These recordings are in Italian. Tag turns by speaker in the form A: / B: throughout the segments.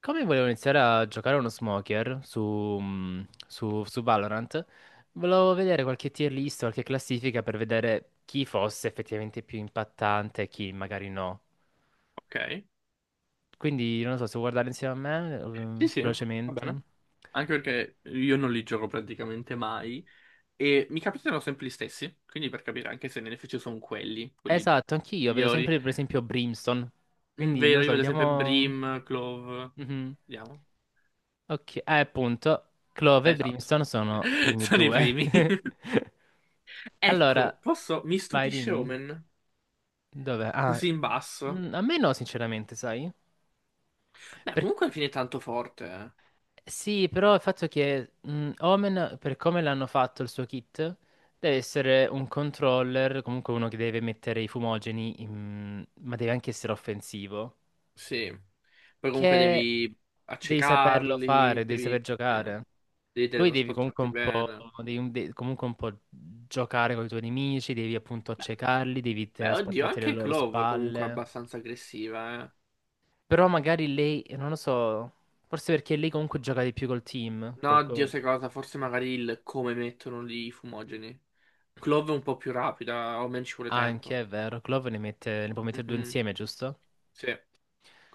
A: Come volevo iniziare a giocare a uno smoker su, mm, su Valorant, volevo vedere qualche tier list, qualche classifica per vedere chi fosse effettivamente più impattante e chi magari no.
B: Ok.
A: Quindi non lo so, se vuoi guardare insieme a me,
B: Sì, sì, va bene.
A: velocemente.
B: Anche perché io non li gioco praticamente mai e mi capitano sempre gli stessi, quindi per capire anche se NFC sono quelli
A: Esatto, anch'io vedo
B: migliori.
A: sempre per esempio Brimstone. Quindi non lo
B: Vero, io
A: so,
B: vedo sempre
A: vediamo.
B: Brim, Clove,
A: Mhm.
B: vediamo.
A: Ok, appunto, Clove e
B: Esatto.
A: Brimstone sono primi
B: Sono i
A: due.
B: primi.
A: Allora,
B: Ecco, posso... Mi
A: vai,
B: stupisce
A: dimmi.
B: Omen,
A: Dov'è?
B: così in basso.
A: A me no, sinceramente, sai?
B: Beh,
A: Per-
B: comunque alla fine è tanto forte, eh.
A: Sì, però il fatto che Omen, per come l'hanno fatto il suo kit, deve essere un controller, comunque uno che deve mettere i fumogeni, ma deve anche essere offensivo,
B: Sì. Poi comunque
A: che
B: devi
A: devi saperlo
B: accecarli,
A: fare, devi
B: devi...
A: saper
B: Sì,
A: giocare.
B: devi
A: Lui devi comunque
B: teletrasportarti
A: un po',
B: bene.
A: devi comunque un po' giocare con i tuoi nemici, devi appunto
B: Beh,
A: accecarli, devi
B: Beh, oddio,
A: trasportarti alle
B: anche
A: loro
B: Clove comunque è
A: spalle.
B: abbastanza aggressiva, eh.
A: Però magari lei, non lo so, forse perché lei comunque gioca di più col team.
B: No, oddio, sai cosa? Forse magari il come mettono lì i fumogeni. Clove è un po' più rapida, Omen ci vuole tempo.
A: Anche, è vero, Clove ne mette, ne può mettere due
B: Mhm,
A: insieme, giusto?
B: sì.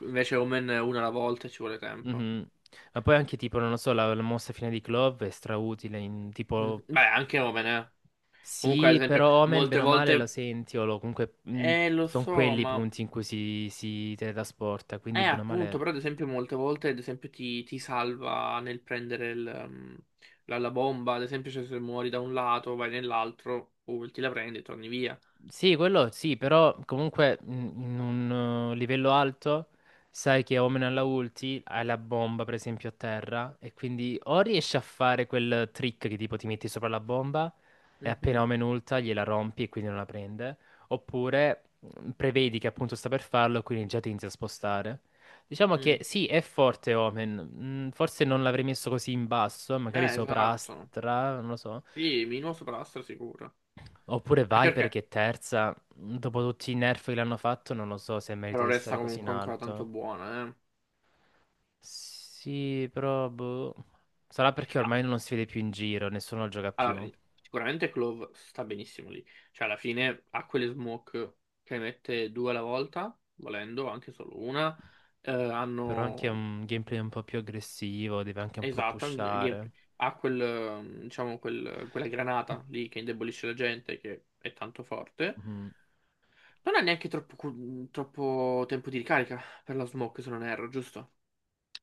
B: Invece Omen è una alla volta e ci vuole tempo.
A: Mhm. Ma poi anche tipo, non lo so, la mossa fine di Clove è strautile, in,
B: Mhm.
A: tipo,
B: Beh, anche Omen, eh. Comunque, ad
A: sì,
B: esempio,
A: però Omen
B: molte
A: bene o male lo
B: volte...
A: senti, o lo, comunque
B: Lo
A: sono
B: so,
A: quelli i
B: ma...
A: punti in cui si teletrasporta, quindi bene o
B: Appunto,
A: male.
B: però ad esempio molte volte, ad esempio, ti salva nel prendere la bomba. Ad esempio, cioè, se muori da un lato, vai nell'altro, ulti la prendi e torni via.
A: Sì, quello sì, però comunque in un livello alto sai che Omen alla ulti hai la bomba per esempio a terra e quindi o riesci a fare quel trick che tipo ti metti sopra la bomba e appena
B: Mhm.
A: Omen ulta gliela rompi e quindi non la prende, oppure prevedi che appunto sta per farlo e quindi già ti inizia a spostare. Diciamo che
B: Mm.
A: sì, è forte Omen, forse non l'avrei messo così in basso, magari sopra
B: Esatto.
A: Astra, non lo so.
B: Sì, minimo sopra la sicuro.
A: Oppure
B: Anche
A: Viper che
B: perché
A: è terza, dopo tutti i nerf che l'hanno fatto, non lo so se merita
B: però
A: di
B: resta
A: stare così in
B: comunque ancora tanto
A: alto.
B: buona, eh.
A: Sì, però boh. Sarà perché
B: Ah,
A: ormai non si vede più in giro, nessuno lo gioca più.
B: allora, sicuramente Clove sta benissimo lì. Cioè, alla fine ha quelle smoke che mette due alla volta, volendo, anche solo una.
A: Però anche
B: Hanno...
A: un gameplay un po' più aggressivo, deve anche un po'
B: Esatto, ha un
A: pushare.
B: ha diciamo, quella granata lì che indebolisce la gente, che è tanto forte.
A: Mhm.
B: Non ha neanche troppo tempo di ricarica per la smoke, se non erro, giusto?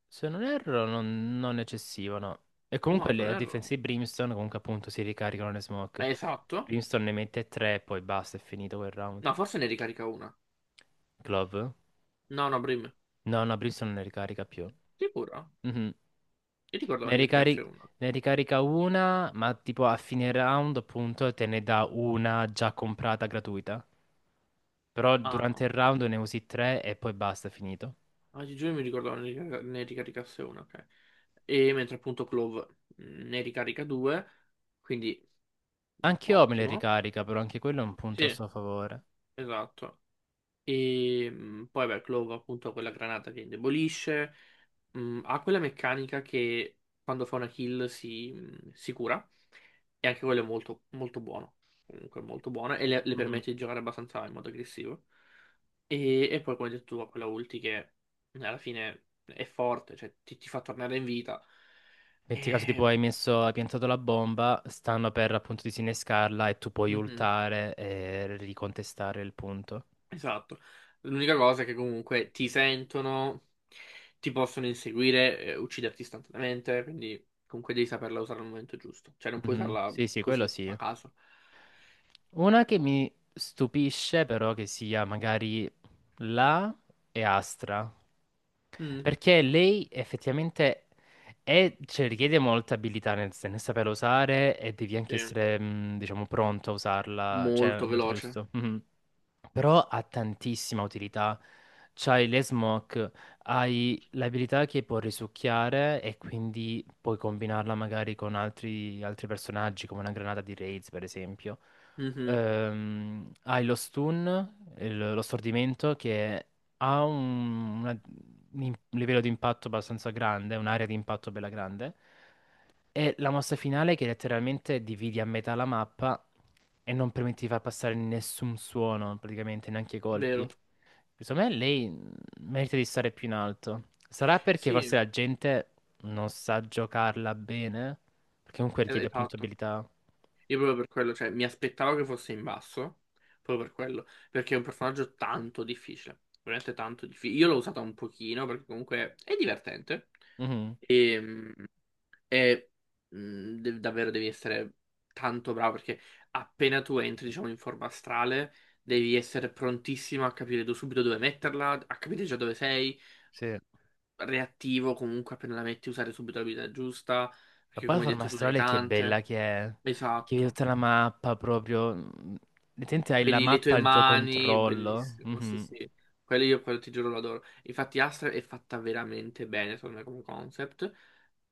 A: Se non erro, non eccessivo, no. E
B: No,
A: comunque le
B: Tonnerro
A: difense
B: no.
A: di Brimstone, comunque appunto si ricaricano le smoke.
B: Esatto.
A: Brimstone ne mette tre, poi basta, è finito quel round.
B: No, forse ne ricarica una.
A: Glove?
B: No, no, Brim.
A: No, no, Brimstone non ne ricarica più.
B: Sicuro?
A: Mhm.
B: Io ricordavo
A: Ne
B: ne
A: ricari-
B: caricasse una.
A: Ne ricarica una, ma tipo a fine round, appunto, te ne dà una già comprata gratuita. Però
B: Ah,
A: durante
B: ok.
A: il round ne usi tre e poi basta, è finito.
B: Oggi giugno mi ricordavo ne ricaricasse una, ok. E mentre appunto Clove ne ricarica due, quindi
A: Anche io me le
B: ottimo.
A: ricarica, però anche quello è un punto a
B: Sì,
A: suo favore.
B: esatto. E poi, beh, Clove appunto ha quella granata che indebolisce, ha quella meccanica che quando fa una kill si cura, e anche quello è molto, molto buono, comunque molto buono, e le
A: Mhm.
B: permette di giocare abbastanza in modo aggressivo. E poi, come hai detto tu, ha quella ulti che alla fine è forte, cioè ti fa tornare in vita.
A: Metti caso tipo
B: E...
A: hai messo, hai piantato la bomba, stanno per appunto disinnescarla e tu puoi
B: Mhm.
A: ultare e ricontestare il punto.
B: Esatto. L'unica cosa è che comunque ti sentono, ti possono inseguire, ucciderti istantaneamente, quindi comunque devi saperla usare al momento giusto. Cioè non puoi
A: Mhm.
B: usarla
A: Sì, sì, quello
B: così,
A: sì.
B: a caso.
A: Una che mi stupisce però che sia magari La e Astra.
B: Mm,
A: Perché lei effettivamente è, cioè, richiede molta abilità nel, nel saperla usare e devi anche
B: sì,
A: essere, diciamo, pronto a usarla, cioè, al
B: molto
A: momento
B: veloce.
A: giusto. Mhm. Però ha tantissima utilità. C'hai le smoke, hai l'abilità che può risucchiare e quindi puoi combinarla magari con altri, altri personaggi, come una granata di raids, per esempio.
B: Mhm,
A: Hai lo stun, lo stordimento, che ha un, una- un im- livello di impatto abbastanza grande, un'area di impatto bella grande. È la mossa finale che letteralmente dividi a metà la mappa e non permette di far passare nessun suono, praticamente, neanche i
B: vero.
A: colpi. Secondo me lei merita di stare più in alto. Sarà perché
B: Sì,
A: forse la gente non sa giocarla bene, perché comunque richiede appunto
B: esatto.
A: abilità.
B: Io proprio per quello, cioè mi aspettavo che fosse in basso, proprio per quello, perché è un personaggio tanto difficile, veramente tanto difficile. Io l'ho usata un pochino perché comunque è divertente.
A: Mhm,
B: Ehm, E davvero devi essere tanto bravo perché appena tu entri, diciamo, in forma astrale, devi essere prontissimo a capire subito dove metterla, a capire già dove sei,
A: sì.
B: reattivo comunque appena la metti, usare subito l'abilità giusta,
A: Ma
B: perché
A: poi la
B: come hai
A: forma
B: detto tu ne hai
A: astrale che bella
B: tante.
A: che è, che vedi
B: Esatto.
A: tutta la mappa proprio. Letteralmente hai la
B: Vedi le
A: mappa
B: tue
A: al tuo
B: mani,
A: controllo.
B: bellissimo, sì
A: Mhm,
B: sì. Quello io, quello ti giuro, lo adoro. Infatti Astra è fatta veramente bene, secondo me, come concept.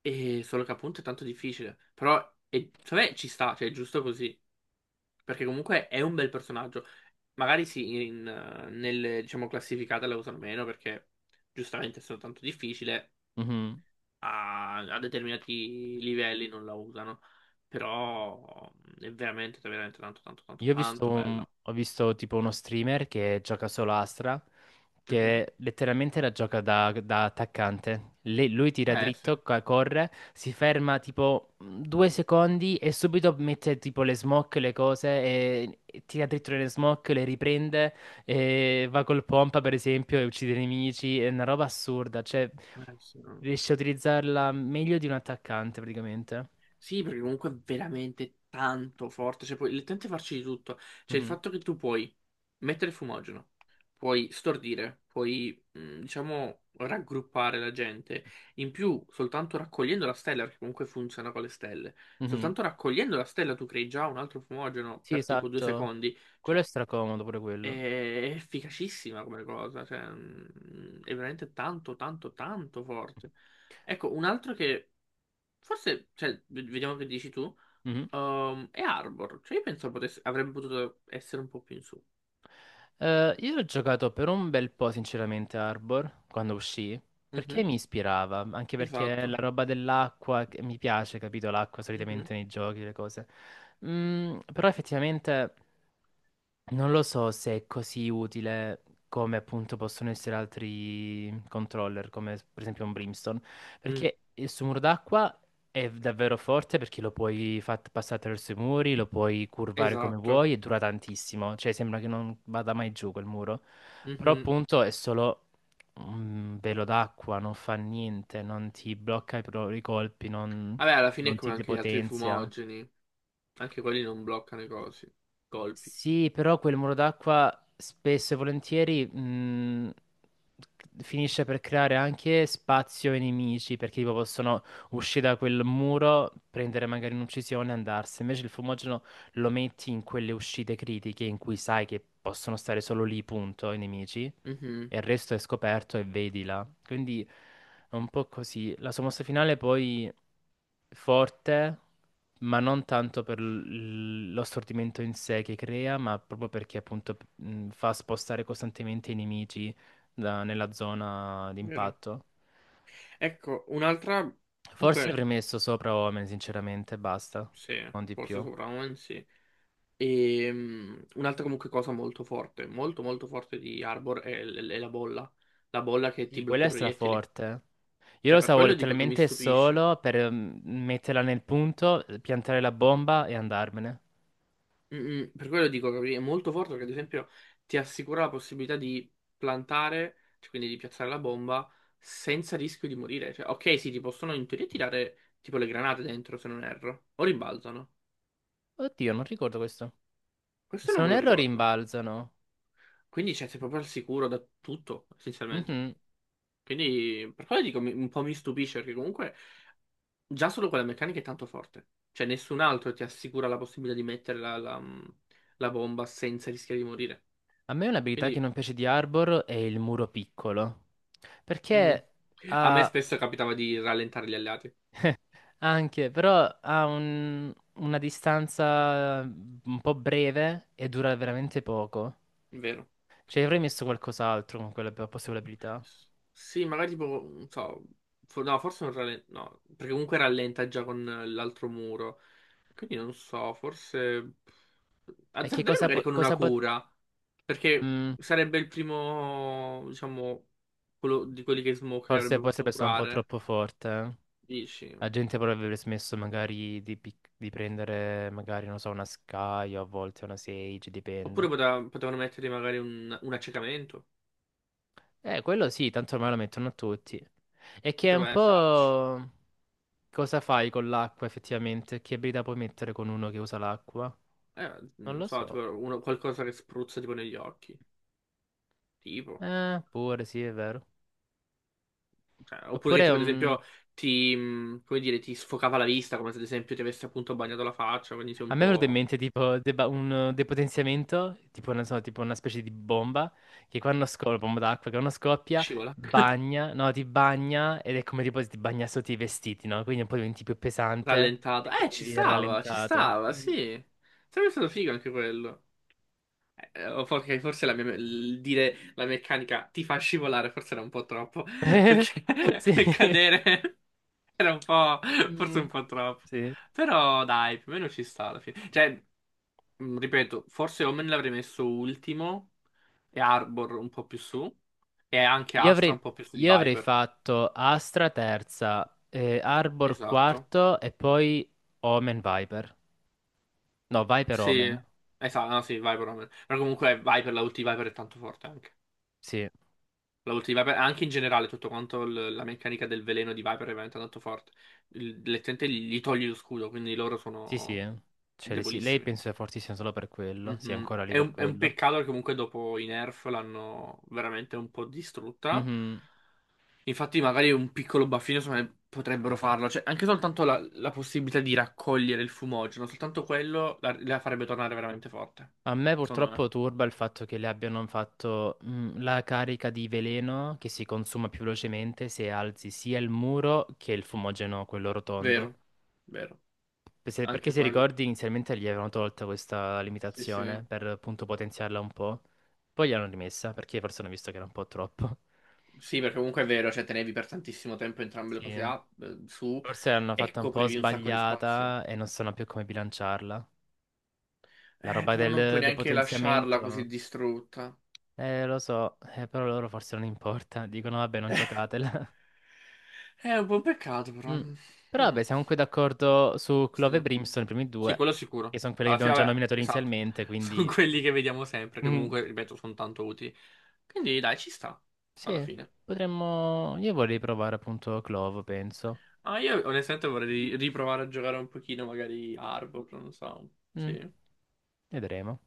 B: E solo che appunto è tanto difficile. Però, secondo me ci sta, cioè è giusto così. Perché comunque è un bel personaggio. Magari sì, nelle, diciamo, classificate la usano meno perché giustamente sono tanto difficile,
A: mhm.
B: a determinati livelli non la usano. Però è veramente, veramente tanto, tanto, tanto,
A: Io ho visto,
B: tanto bella.
A: ho visto tipo uno streamer che gioca solo Astra,
B: Mhm.
A: che letteralmente la gioca da, da attaccante. Lui tira
B: Eh sì,
A: dritto,
B: eh
A: corre, si ferma tipo 2 secondi e subito mette tipo le smoke, le cose, e tira dritto le smoke, le riprende, e va col pompa per esempio e uccide i nemici. È una roba assurda, cioè
B: sì. No.
A: riesce a utilizzarla meglio di un attaccante praticamente.
B: Sì, perché comunque è veramente tanto forte, cioè puoi letteralmente farci di tutto. Cioè il
A: Mhm.
B: fatto che tu puoi mettere fumogeno, puoi stordire, diciamo, raggruppare la gente. In più, soltanto raccogliendo la stella, perché comunque funziona con le stelle,
A: Mhm.
B: soltanto raccogliendo la stella tu crei già un altro fumogeno
A: Sì,
B: per tipo due
A: esatto.
B: secondi.
A: Quello è
B: Cioè,
A: stracomodo pure
B: è
A: quello.
B: efficacissima come cosa, è veramente tanto, tanto, tanto forte. Ecco, un altro che... Forse, cioè, vediamo che dici tu.
A: Mhm.
B: E Arbor, cioè io penso avrebbe potuto essere un po' più in su.
A: Io ho giocato per un bel po', sinceramente, Arbor, quando uscì, perché
B: Mhm,
A: mi ispirava, anche perché la
B: esatto.
A: roba dell'acqua, che mi piace, capito, l'acqua
B: Mhm,
A: solitamente nei giochi, le cose. Mm, però effettivamente non lo so se è così utile come appunto possono essere altri controller, come per esempio un Brimstone,
B: mm,
A: perché il suo muro d'acqua è davvero forte perché lo puoi far passare attraverso i muri, lo puoi curvare come
B: esatto.
A: vuoi e dura tantissimo, cioè sembra che non vada mai giù quel muro. Però
B: Mhm.
A: appunto è solo un velo d'acqua, non fa niente, non ti blocca i colpi, non,
B: Vabbè, alla fine è
A: non ti
B: come anche gli altri
A: depotenzia.
B: fumogeni, anche quelli non bloccano i colpi.
A: Sì, però quel muro d'acqua spesso e volentieri finisce per creare anche spazio ai nemici, perché tipo possono uscire da quel muro, prendere magari un'uccisione e andarsene. Invece il fumogeno lo metti in quelle uscite critiche in cui sai che possono stare solo lì, punto, i nemici
B: Mhm,
A: e il resto è scoperto e vedi là. Quindi è un po' così. La sua mossa finale poi forte, ma non tanto per lo stordimento in sé che crea, ma proprio perché appunto fa spostare costantemente i nemici nella zona
B: vero.
A: d'impatto.
B: Ecco, un'altra,
A: Forse ne
B: comunque,
A: avrei messo sopra Omen, sinceramente, basta,
B: sì,
A: non di più.
B: forse sopravvento, sì. Un'altra comunque cosa molto forte, molto molto forte di Arbor è la bolla. La bolla che ti
A: Sì, quella
B: blocca
A: è
B: i proiettili.
A: straforte. Io lo
B: Cioè, per
A: usavo
B: quello dico che mi
A: letteralmente
B: stupisce.
A: solo per metterla nel punto, piantare la bomba e andarmene.
B: Per quello dico che è molto forte perché ad esempio ti assicura la possibilità di plantare, cioè quindi di piazzare la bomba senza rischio di morire. Cioè, ok, sì, ti possono in teoria tirare tipo le granate dentro, se non erro, o rimbalzano.
A: Oddio, non ricordo questo.
B: Questo
A: Se
B: non me
A: non
B: lo
A: erro
B: ricordo.
A: rimbalzano.
B: Quindi cioè, sei proprio al sicuro da tutto, essenzialmente.
A: Mhm.
B: Quindi per quello dico un po' mi stupisce perché comunque già solo quella meccanica è tanto forte. Cioè nessun altro ti assicura la possibilità di mettere la bomba senza rischiare di morire.
A: A me un'abilità che
B: Quindi
A: non piace di Arbor è il muro piccolo.
B: mm.
A: Perché
B: A me
A: ha
B: spesso capitava di rallentare gli alleati,
A: anche, però ha una distanza un po' breve e dura veramente poco.
B: vero?
A: Cioè avrei messo qualcos'altro con quella possibile abilità.
B: Sì, magari tipo, non so, no, forse non rallenta, no, perché comunque rallenta già con l'altro muro. Quindi non so, forse
A: E che
B: azzarderei magari con una
A: cosa po-
B: cura, perché
A: mm,
B: sarebbe il primo, diciamo, quello di quelli che Smoke che
A: Forse
B: avrebbe
A: potrebbe
B: potuto
A: essere un po'
B: curare,
A: troppo forte, eh.
B: dici?
A: La gente potrebbe smesso magari di, di prendere, magari, non so, una Sky o a volte una Sage,
B: Oppure
A: dipende.
B: potevano mettere magari un accecamento,
A: Quello sì, tanto ormai lo mettono a tutti. E che è un
B: poteva starci.
A: po' cosa fai con l'acqua effettivamente? Che abilità puoi mettere con uno che usa l'acqua? Non
B: Non
A: lo
B: so, tipo
A: so.
B: qualcosa che spruzza tipo negli occhi, tipo.
A: Pure sì, è vero.
B: Cioè, oppure che
A: Oppure
B: tipo ad esempio come dire, ti sfocava la vista, come se ad esempio ti avesse appunto bagnato la faccia, quindi sei
A: a
B: un
A: me è venuto in
B: po'
A: mente tipo deba- un depotenziamento, tipo, non so, tipo una specie di bomba, bomba d'acqua, che quando scoppia,
B: scivola,
A: bagna, no, ti bagna ed è come tipo se ti bagna sotto i vestiti, no? Quindi un po' diventi più pesante
B: rallentato.
A: e quindi viene
B: Ci
A: rallentato.
B: stava,
A: Mm.
B: sì. Sarebbe stato figo anche quello. O forse il dire la meccanica ti fa scivolare, forse era un po' troppo, perché
A: Sì.
B: cadere era un po', forse
A: Mm,
B: un po' troppo.
A: sì.
B: Però dai, più o meno ci sta alla fine. Cioè, ripeto, forse Omen l'avrei messo ultimo e Arbor un po' più su e anche
A: Io
B: Astra
A: avrei,
B: un po' più su di
A: io avrei
B: Viper.
A: fatto Astra terza, Arbor
B: Esatto.
A: quarto e poi Omen Viper. No, Viper
B: Sì,
A: Omen.
B: esatto, no, sì, Viper Omen. Però comunque Viper, la ulti di Viper è tanto forte anche.
A: Sì.
B: La ulti di Viper, anche in generale tutto quanto la meccanica del veleno di Viper è veramente tanto forte. Letteralmente gli togli lo scudo, quindi loro
A: Sì, sì,
B: sono
A: eh. Cioè, sì, lei
B: debolissimi.
A: penso sia fortissima solo per quello, sia
B: Mhm.
A: ancora lì
B: È
A: per
B: un, è un
A: quello.
B: peccato che comunque dopo i nerf l'hanno veramente un po' distrutta.
A: Mhm.
B: Infatti, magari un piccolo baffino secondo me, potrebbero farlo. Cioè, anche soltanto la possibilità di raccogliere il fumogeno, soltanto quello la farebbe tornare veramente forte.
A: A me
B: Secondo me.
A: purtroppo turba il fatto che le abbiano fatto la carica di veleno che si consuma più velocemente se alzi sia il muro che il fumogeno, quello rotondo.
B: Vero, vero.
A: Perché
B: Anche
A: se
B: quello.
A: ricordi inizialmente gli avevano tolta questa
B: Sì, sì.
A: limitazione per appunto potenziarla un po', poi gliel'hanno rimessa perché forse hanno visto che era un po' troppo.
B: Sì, perché comunque è vero, cioè tenevi per tantissimo tempo entrambe le
A: Sì,
B: cose
A: eh,
B: su
A: forse l'hanno
B: e
A: fatta un po'
B: coprivi un sacco di spazio.
A: sbagliata e non sanno più come bilanciarla. La roba
B: Però non puoi
A: del
B: neanche lasciarla così
A: depotenziamento?
B: distrutta.
A: Lo so, però loro forse non importa. Dicono, vabbè, non giocatela.
B: È un po' un peccato, però.
A: Mm. Però
B: Mm,
A: vabbè, siamo qui d'accordo su Clove e
B: sì.
A: Brimstone, i primi
B: Sì,
A: due,
B: quello
A: che
B: sicuro.
A: sono quelli che
B: Alla
A: abbiamo
B: fine,
A: già
B: vabbè,
A: nominato
B: esatto.
A: inizialmente,
B: Sono
A: quindi.
B: quelli che vediamo sempre, che
A: Mm.
B: comunque, ripeto, sono tanto utili. Quindi, dai, ci sta. Alla
A: Sì,
B: fine.
A: potremmo. Io vorrei provare appunto Clove, penso.
B: Ah, io onestamente vorrei riprovare a giocare un pochino, magari Arbor, non so.
A: Mm,
B: Sì.
A: vedremo.